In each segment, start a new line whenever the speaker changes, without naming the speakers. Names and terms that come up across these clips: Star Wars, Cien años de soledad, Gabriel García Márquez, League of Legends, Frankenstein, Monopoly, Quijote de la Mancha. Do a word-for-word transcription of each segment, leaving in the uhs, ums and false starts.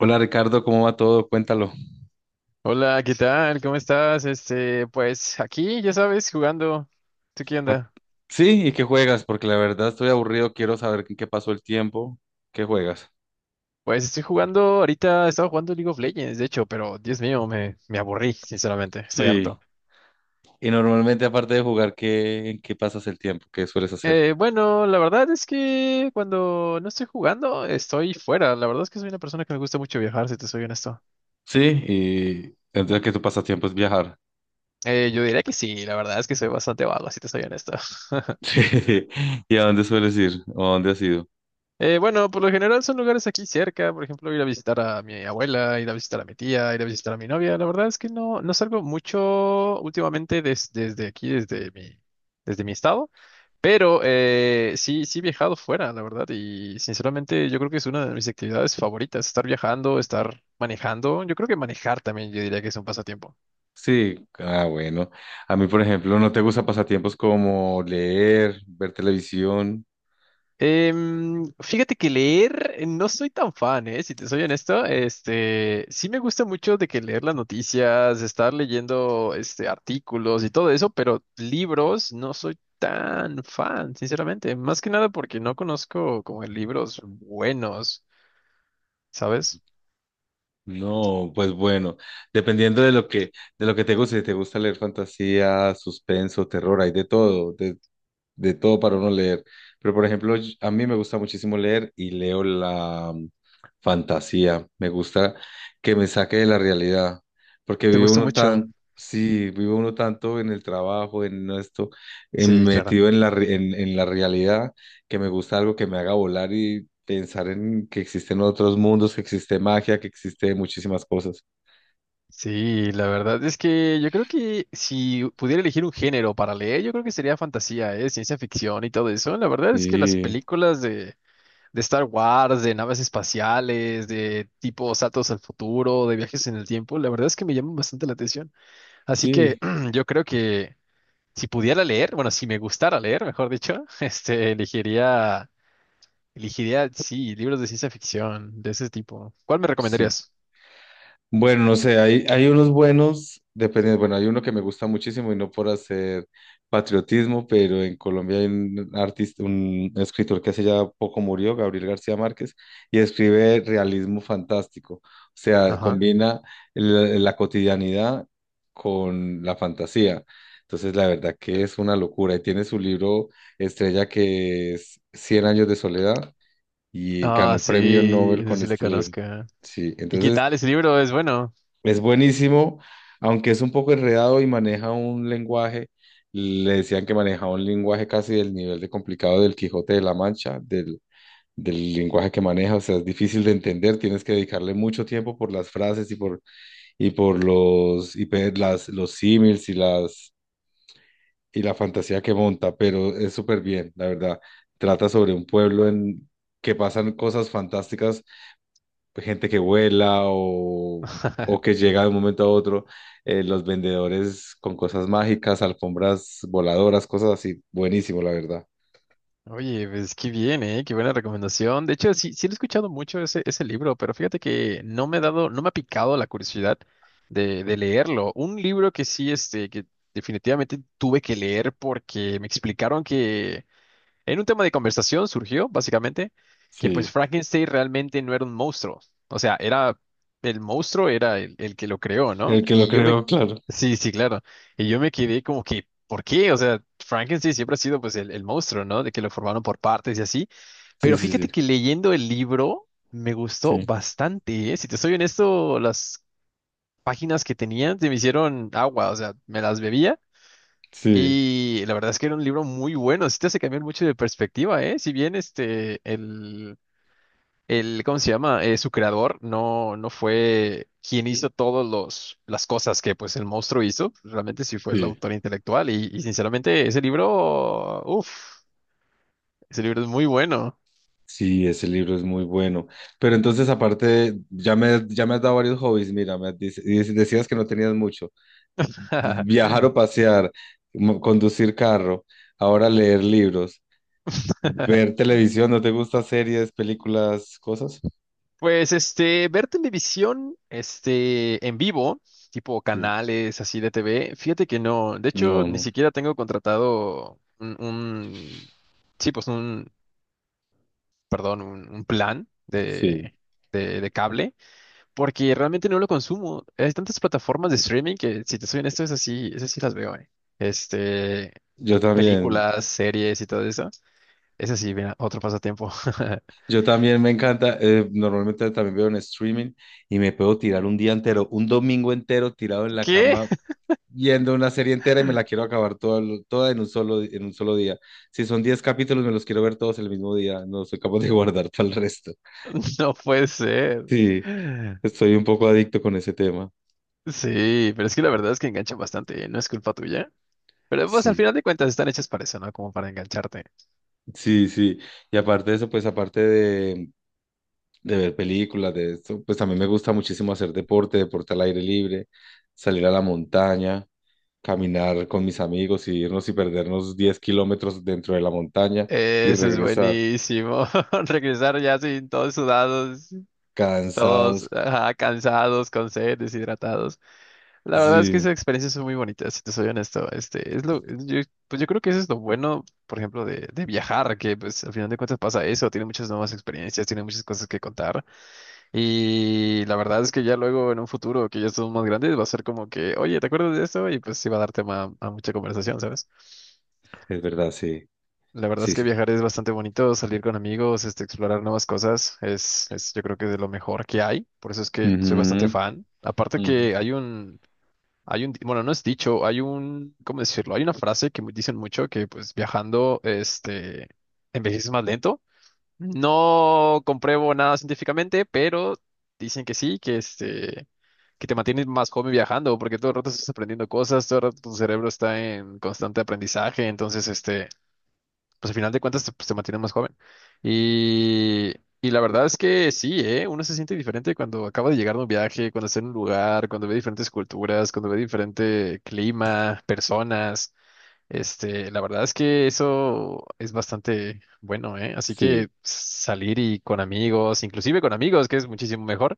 Hola Ricardo, ¿cómo va todo? Cuéntalo.
Hola, ¿qué tal? ¿Cómo estás? Este, pues aquí, ya sabes, jugando. ¿Tú qué
Ah,
onda?
sí, ¿y qué juegas? Porque la verdad estoy aburrido, quiero saber en qué pasó el tiempo. ¿Qué juegas?
Pues estoy jugando, ahorita estaba jugando League of Legends, de hecho, pero Dios mío, me, me aburrí, sinceramente, estoy
Sí.
harto.
Y normalmente aparte de jugar, ¿qué, ¿en qué pasas el tiempo? ¿Qué sueles hacer?
Eh, bueno, la verdad es que cuando no estoy jugando, estoy fuera. La verdad es que soy una persona que me gusta mucho viajar, si te soy honesto.
Sí, y entonces que tu pasatiempo es viajar.
Eh, yo diría que sí, la verdad es que soy bastante vago, si te soy honesto.
Sí. ¿Y a dónde sueles ir? ¿O a dónde has ido?
Eh, bueno, por lo general son lugares aquí cerca, por ejemplo, ir a visitar a mi abuela, ir a visitar a mi tía, ir a visitar a mi novia. La verdad es que no, no salgo mucho últimamente des- desde aquí, desde mi, desde mi estado, pero eh, sí, sí he viajado fuera, la verdad, y sinceramente yo creo que es una de mis actividades favoritas, estar viajando, estar manejando. Yo creo que manejar también, yo diría que es un pasatiempo.
Sí, ah, bueno. A mí, por ejemplo, no te gusta pasatiempos como leer, ver televisión.
Em, fíjate que leer eh, no soy tan fan, eh, si te soy honesto. Este, sí me gusta mucho de que leer las noticias, estar leyendo este artículos y todo eso, pero libros no soy tan fan, sinceramente. Más que nada porque no conozco como libros buenos, ¿sabes?
No, pues bueno, dependiendo de lo que, de lo que te guste. Si te gusta leer fantasía, suspenso, terror, hay de todo, de- de todo para uno leer. Pero, por ejemplo, yo- a mí me gusta muchísimo leer y leo la mm, fantasía. Me gusta que me saque de la realidad, porque
¿Te
vive
gusta
uno
mucho?
tan, sí, vive uno tanto en el trabajo, en esto, en-
Sí, claro.
metido en la, re- en, en la realidad, que me gusta algo que me haga volar y pensar en que existen otros mundos, que existe magia, que existe muchísimas cosas.
Sí, la verdad es que yo creo que si pudiera elegir un género para leer, yo creo que sería fantasía, eh, ciencia ficción y todo eso. La verdad es que las
Sí,
películas de de Star Wars, de naves espaciales, de tipo saltos al futuro, de viajes en el tiempo, la verdad es que me llaman bastante la atención. Así que
sí,
yo creo que si pudiera leer, bueno, si me gustara leer, mejor dicho, este, elegiría, elegiría, sí, libros de ciencia ficción de ese tipo. ¿Cuál me
sí.
recomendarías?
Bueno, no sé, hay, hay unos buenos, dependiendo. Bueno, hay uno que me gusta muchísimo, y no por hacer patriotismo, pero en Colombia hay un artista, un escritor que hace ya poco murió, Gabriel García Márquez, y escribe realismo fantástico, o sea,
Ajá.
combina la, la cotidianidad con la fantasía. Entonces, la verdad que es una locura. Y tiene su libro estrella que es Cien años de soledad, y
Ah,
ganó premio
sí,
Nobel
ese
con
sí le
este libro.
conozco.
Sí,
¿Y qué
entonces...
tal? Ese libro es bueno.
Es buenísimo, aunque es un poco enredado y maneja un lenguaje, le decían que manejaba un lenguaje casi del nivel de complicado del Quijote de la Mancha, del, del lenguaje que maneja. O sea, es difícil de entender, tienes que dedicarle mucho tiempo por las frases y por, y por los, y pe- las, los símiles y las, y la fantasía que monta, pero es súper bien, la verdad. Trata sobre un pueblo en que pasan cosas fantásticas. Pues gente que vuela, o, o que llega de un momento a otro, eh, los vendedores con cosas mágicas, alfombras voladoras, cosas así. Buenísimo, la verdad.
Oye, pues qué bien, ¿eh? Qué buena recomendación. De hecho, sí, sí lo he escuchado mucho ese, ese libro, pero fíjate que no me ha dado, no me ha picado la curiosidad de, de leerlo. Un libro que sí, este, que definitivamente tuve que leer porque me explicaron en un tema de conversación surgió, básicamente, que pues
Sí,
Frankenstein realmente no era un monstruo. O sea, era el monstruo, era el, el que lo creó, ¿no?
el que lo
Y yo me...
creó, claro.
Sí, sí, claro. Y yo me quedé como que, ¿por qué? O sea, Frankenstein siempre ha sido pues el, el monstruo, ¿no? De que lo formaron por partes y así.
Sí,
Pero
sí, sí,
fíjate que leyendo el libro me gustó
sí,
bastante, ¿eh? Si te soy honesto, las páginas que tenía se me hicieron agua, o sea, me las bebía.
sí,
Y la verdad es que era un libro muy bueno, sí te hace cambiar mucho de perspectiva, ¿eh? Si bien este, el, el, ¿cómo se llama? Eh, su creador no, no fue quien hizo todas las cosas que pues el monstruo hizo, realmente sí fue el
sí.
autor intelectual y, y sinceramente ese libro, uff, ese libro es muy bueno.
Sí, ese libro es muy bueno. Pero entonces, aparte, de- ya me, ya me has dado varios hobbies. Mira, me dice- dice- decías que no tenías mucho. Viajar o pasear, mo- conducir carro, ahora leer libros. Ver televisión, ¿no te gusta series, películas, cosas?
Pues este, ver televisión, este, en vivo, tipo
Sí.
canales así de T V, fíjate que no, de hecho,
No,
ni
no.
siquiera tengo contratado un, un- sí, pues un, perdón, un, un plan
Sí.
de, de, de cable, porque realmente no lo consumo. Hay tantas plataformas de streaming que, si te soy honesto, es así, esas sí las veo, eh. Este,
Yo también,
películas, series y todo eso. Es así, mira, otro pasatiempo.
yo también me encanta, eh, normalmente también veo en streaming y me puedo tirar un día entero, un domingo entero tirado en la
¿Qué?
cama viendo una serie entera, y me la quiero acabar toda, toda en un solo, en un solo día. Si son diez capítulos, me los quiero ver todos el mismo día, no soy capaz de guardar todo el resto.
No puede ser.
Sí, estoy un poco adicto con ese tema.
Sí, pero es que la verdad es que enganchan bastante, ¿eh? No es culpa tuya. Pero pues al
Sí,
final de cuentas están hechas para eso, ¿no? Como para engancharte.
sí, sí. Y aparte de eso, pues aparte de, de ver películas, de esto. Pues también me gusta muchísimo hacer deporte, deporte al aire libre, salir a la montaña, caminar con mis amigos, y irnos y perdernos diez kilómetros dentro de la montaña, y
Eso es
regresar
buenísimo. Regresar ya sin todos sudados, todos
cansados.
ajá, cansados, con sed, deshidratados. La verdad es que esas
Sí,
experiencias son muy bonitas, si te soy honesto. Este, es lo, es- yo, pues yo creo que eso es lo bueno, por ejemplo, de, de viajar, que pues al final de cuentas pasa eso, tiene muchas nuevas experiencias, tiene muchas cosas que contar. Y la verdad es que ya luego en un futuro que ya estemos más grandes va a ser como que, oye, ¿te acuerdas de esto? Y pues sí va a dar tema a mucha conversación, ¿sabes?
es verdad, sí,
La verdad es
sí,
que
sí.
viajar es bastante bonito, salir con amigos, este, explorar nuevas cosas, es, es yo creo que de lo mejor que hay, por eso es que
Ujú,
soy bastante fan. Aparte
ujú.
que hay un, hay un, di- bueno, no es dicho, hay un, ¿cómo decirlo? Hay una frase que mu- dicen mucho que pues viajando, este, envejeces más lento. No compruebo nada científicamente, pero dicen que sí, que este... que te mantienes más joven viajando, porque todo el rato estás aprendiendo cosas, todo el rato tu cerebro está en constante aprendizaje, entonces, este, pues al final de cuentas te, pues, te mantienes más joven. Y, y la verdad es que sí, ¿eh? Uno se siente diferente cuando acaba de llegar de un viaje, cuando está en un lugar, cuando ve diferentes culturas, cuando ve diferente clima, personas. Este, la verdad es que eso es bastante bueno, ¿eh? Así
Sí,
que salir y con amigos, inclusive con amigos, que es muchísimo mejor.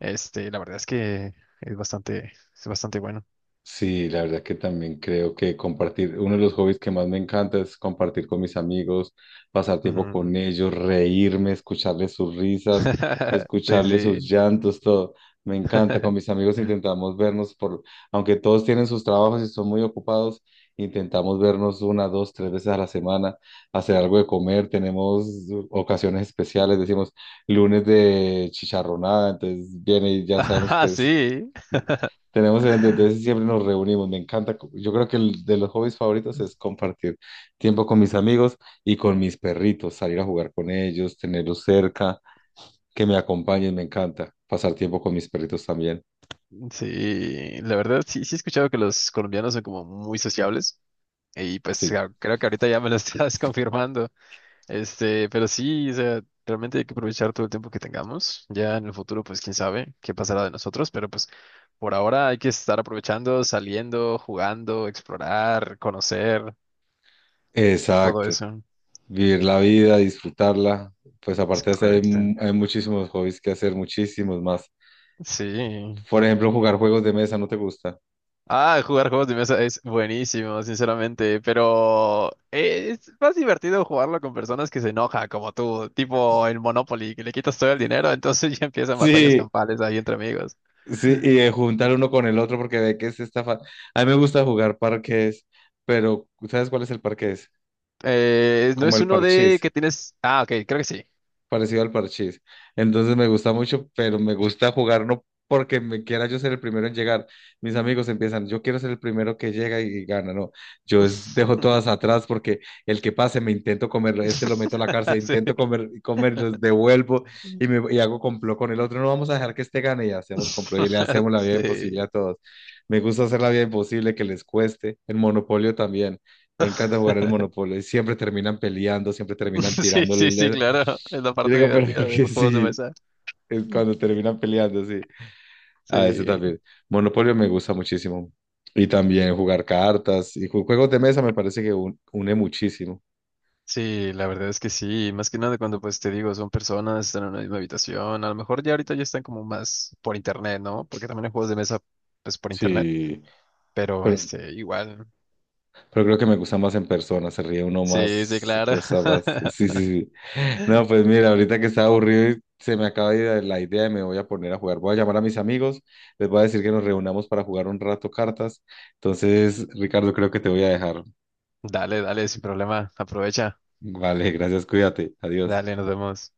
Este, la verdad es que es bastante, es bastante bueno.
sí, la verdad que también creo que compartir, uno de los hobbies que más me encanta es compartir con mis amigos, pasar tiempo
Ujú.
con ellos, reírme, escucharles sus risas,
Sí,
escucharles sus
sí.
llantos, todo. Me encanta. Con mis amigos intentamos vernos por, aunque todos tienen sus trabajos y son muy ocupados, intentamos vernos una, dos, tres veces a la semana, hacer algo de comer. Tenemos ocasiones especiales, decimos lunes de chicharronada, entonces viene y ya sabemos
Ah,
que es.
sí.
Sí. Tenemos gente, entonces siempre nos reunimos, me encanta. co- Yo creo que el de los hobbies favoritos es compartir tiempo con mis amigos y con mis perritos, salir a jugar con ellos, tenerlos cerca, que me acompañen, me encanta. Pasar tiempo con mis perritos también.
Sí, la verdad sí, sí he escuchado que los colombianos son como muy sociables y pues
Sí,
ja- creo que ahorita ya me lo estás confirmando. Este, pero sí, o sea, realmente hay que aprovechar todo el tiempo que tengamos. Ya en el futuro, pues quién sabe qué pasará de nosotros, pero pues por ahora hay que estar aprovechando, saliendo, jugando, explorar, conocer, todo
exacto.
eso.
Vivir la vida, disfrutarla. Pues
Es
aparte de eso, hay,
correcto.
mu- hay muchísimos hobbies que hacer, muchísimos más.
Sí.
Por ejemplo, jugar juegos de mesa, ¿no te gusta?
Ah, jugar juegos de mesa es buenísimo, sinceramente, pero es más divertido jugarlo con personas que se enoja, como tú, tipo el Monopoly, que le quitas todo el dinero, entonces ya empiezan batallas
Sí,
campales ahí entre amigos.
sí, y eh, juntar uno con el otro porque ve que es esta fa- a mí me gusta jugar parques. Pero ¿sabes cuál es el parques?
Eh, no
Como
es
el
uno de
parchís,
que tienes... Ah, ok, creo que sí.
parecido al parchís. Entonces me gusta mucho, pero me gusta jugar no porque me quiera yo ser el primero en llegar. Mis amigos empiezan, yo quiero ser el primero que llega y gana, no. Yo es- dejo todas atrás porque el que pase me intento comerlo, este lo meto a la cárcel,
Sí.
intento comer, comer, los devuelvo y, me, y hago complot con el otro. No vamos a dejar que este gane, y hacemos complot y le hacemos la vida
Sí.
imposible a todos. Me gusta hacer la vida imposible, que les cueste. El monopolio también. Me encanta jugar el Monopoly. Siempre terminan peleando, siempre terminan
Sí,
tirando
sí,
el...
sí,
el-
claro. Es la
yo
parte
digo, pero
divertida de
porque
los juegos de
sí,
mesa.
es cuando terminan peleando, sí. Ah, ese
Sí.
también. Monopoly me gusta muchísimo. Y también jugar cartas, y ju- juegos de mesa me parece que un- une muchísimo.
Sí, la verdad es que sí, más que nada cuando pues te digo, son personas, están en una misma habitación, a lo mejor ya ahorita ya están como más por internet, ¿no? Porque también hay juegos de mesa pues por internet,
Sí,
pero
pero
este, igual,
Pero creo que me gusta más en persona, se ríe uno
sí, sí,
más,
claro.
cosa más. Sí, sí, sí. No, pues mira, ahorita que estaba aburrido y se me acaba de ir la idea, y me voy a poner a jugar. Voy a llamar a mis amigos, les voy a decir que nos reunamos para jugar un rato cartas. Entonces, Ricardo, creo que te voy a dejar.
Dale, dale, sin problema, aprovecha,
Vale, gracias, cuídate. Adiós.
dale, nos vemos.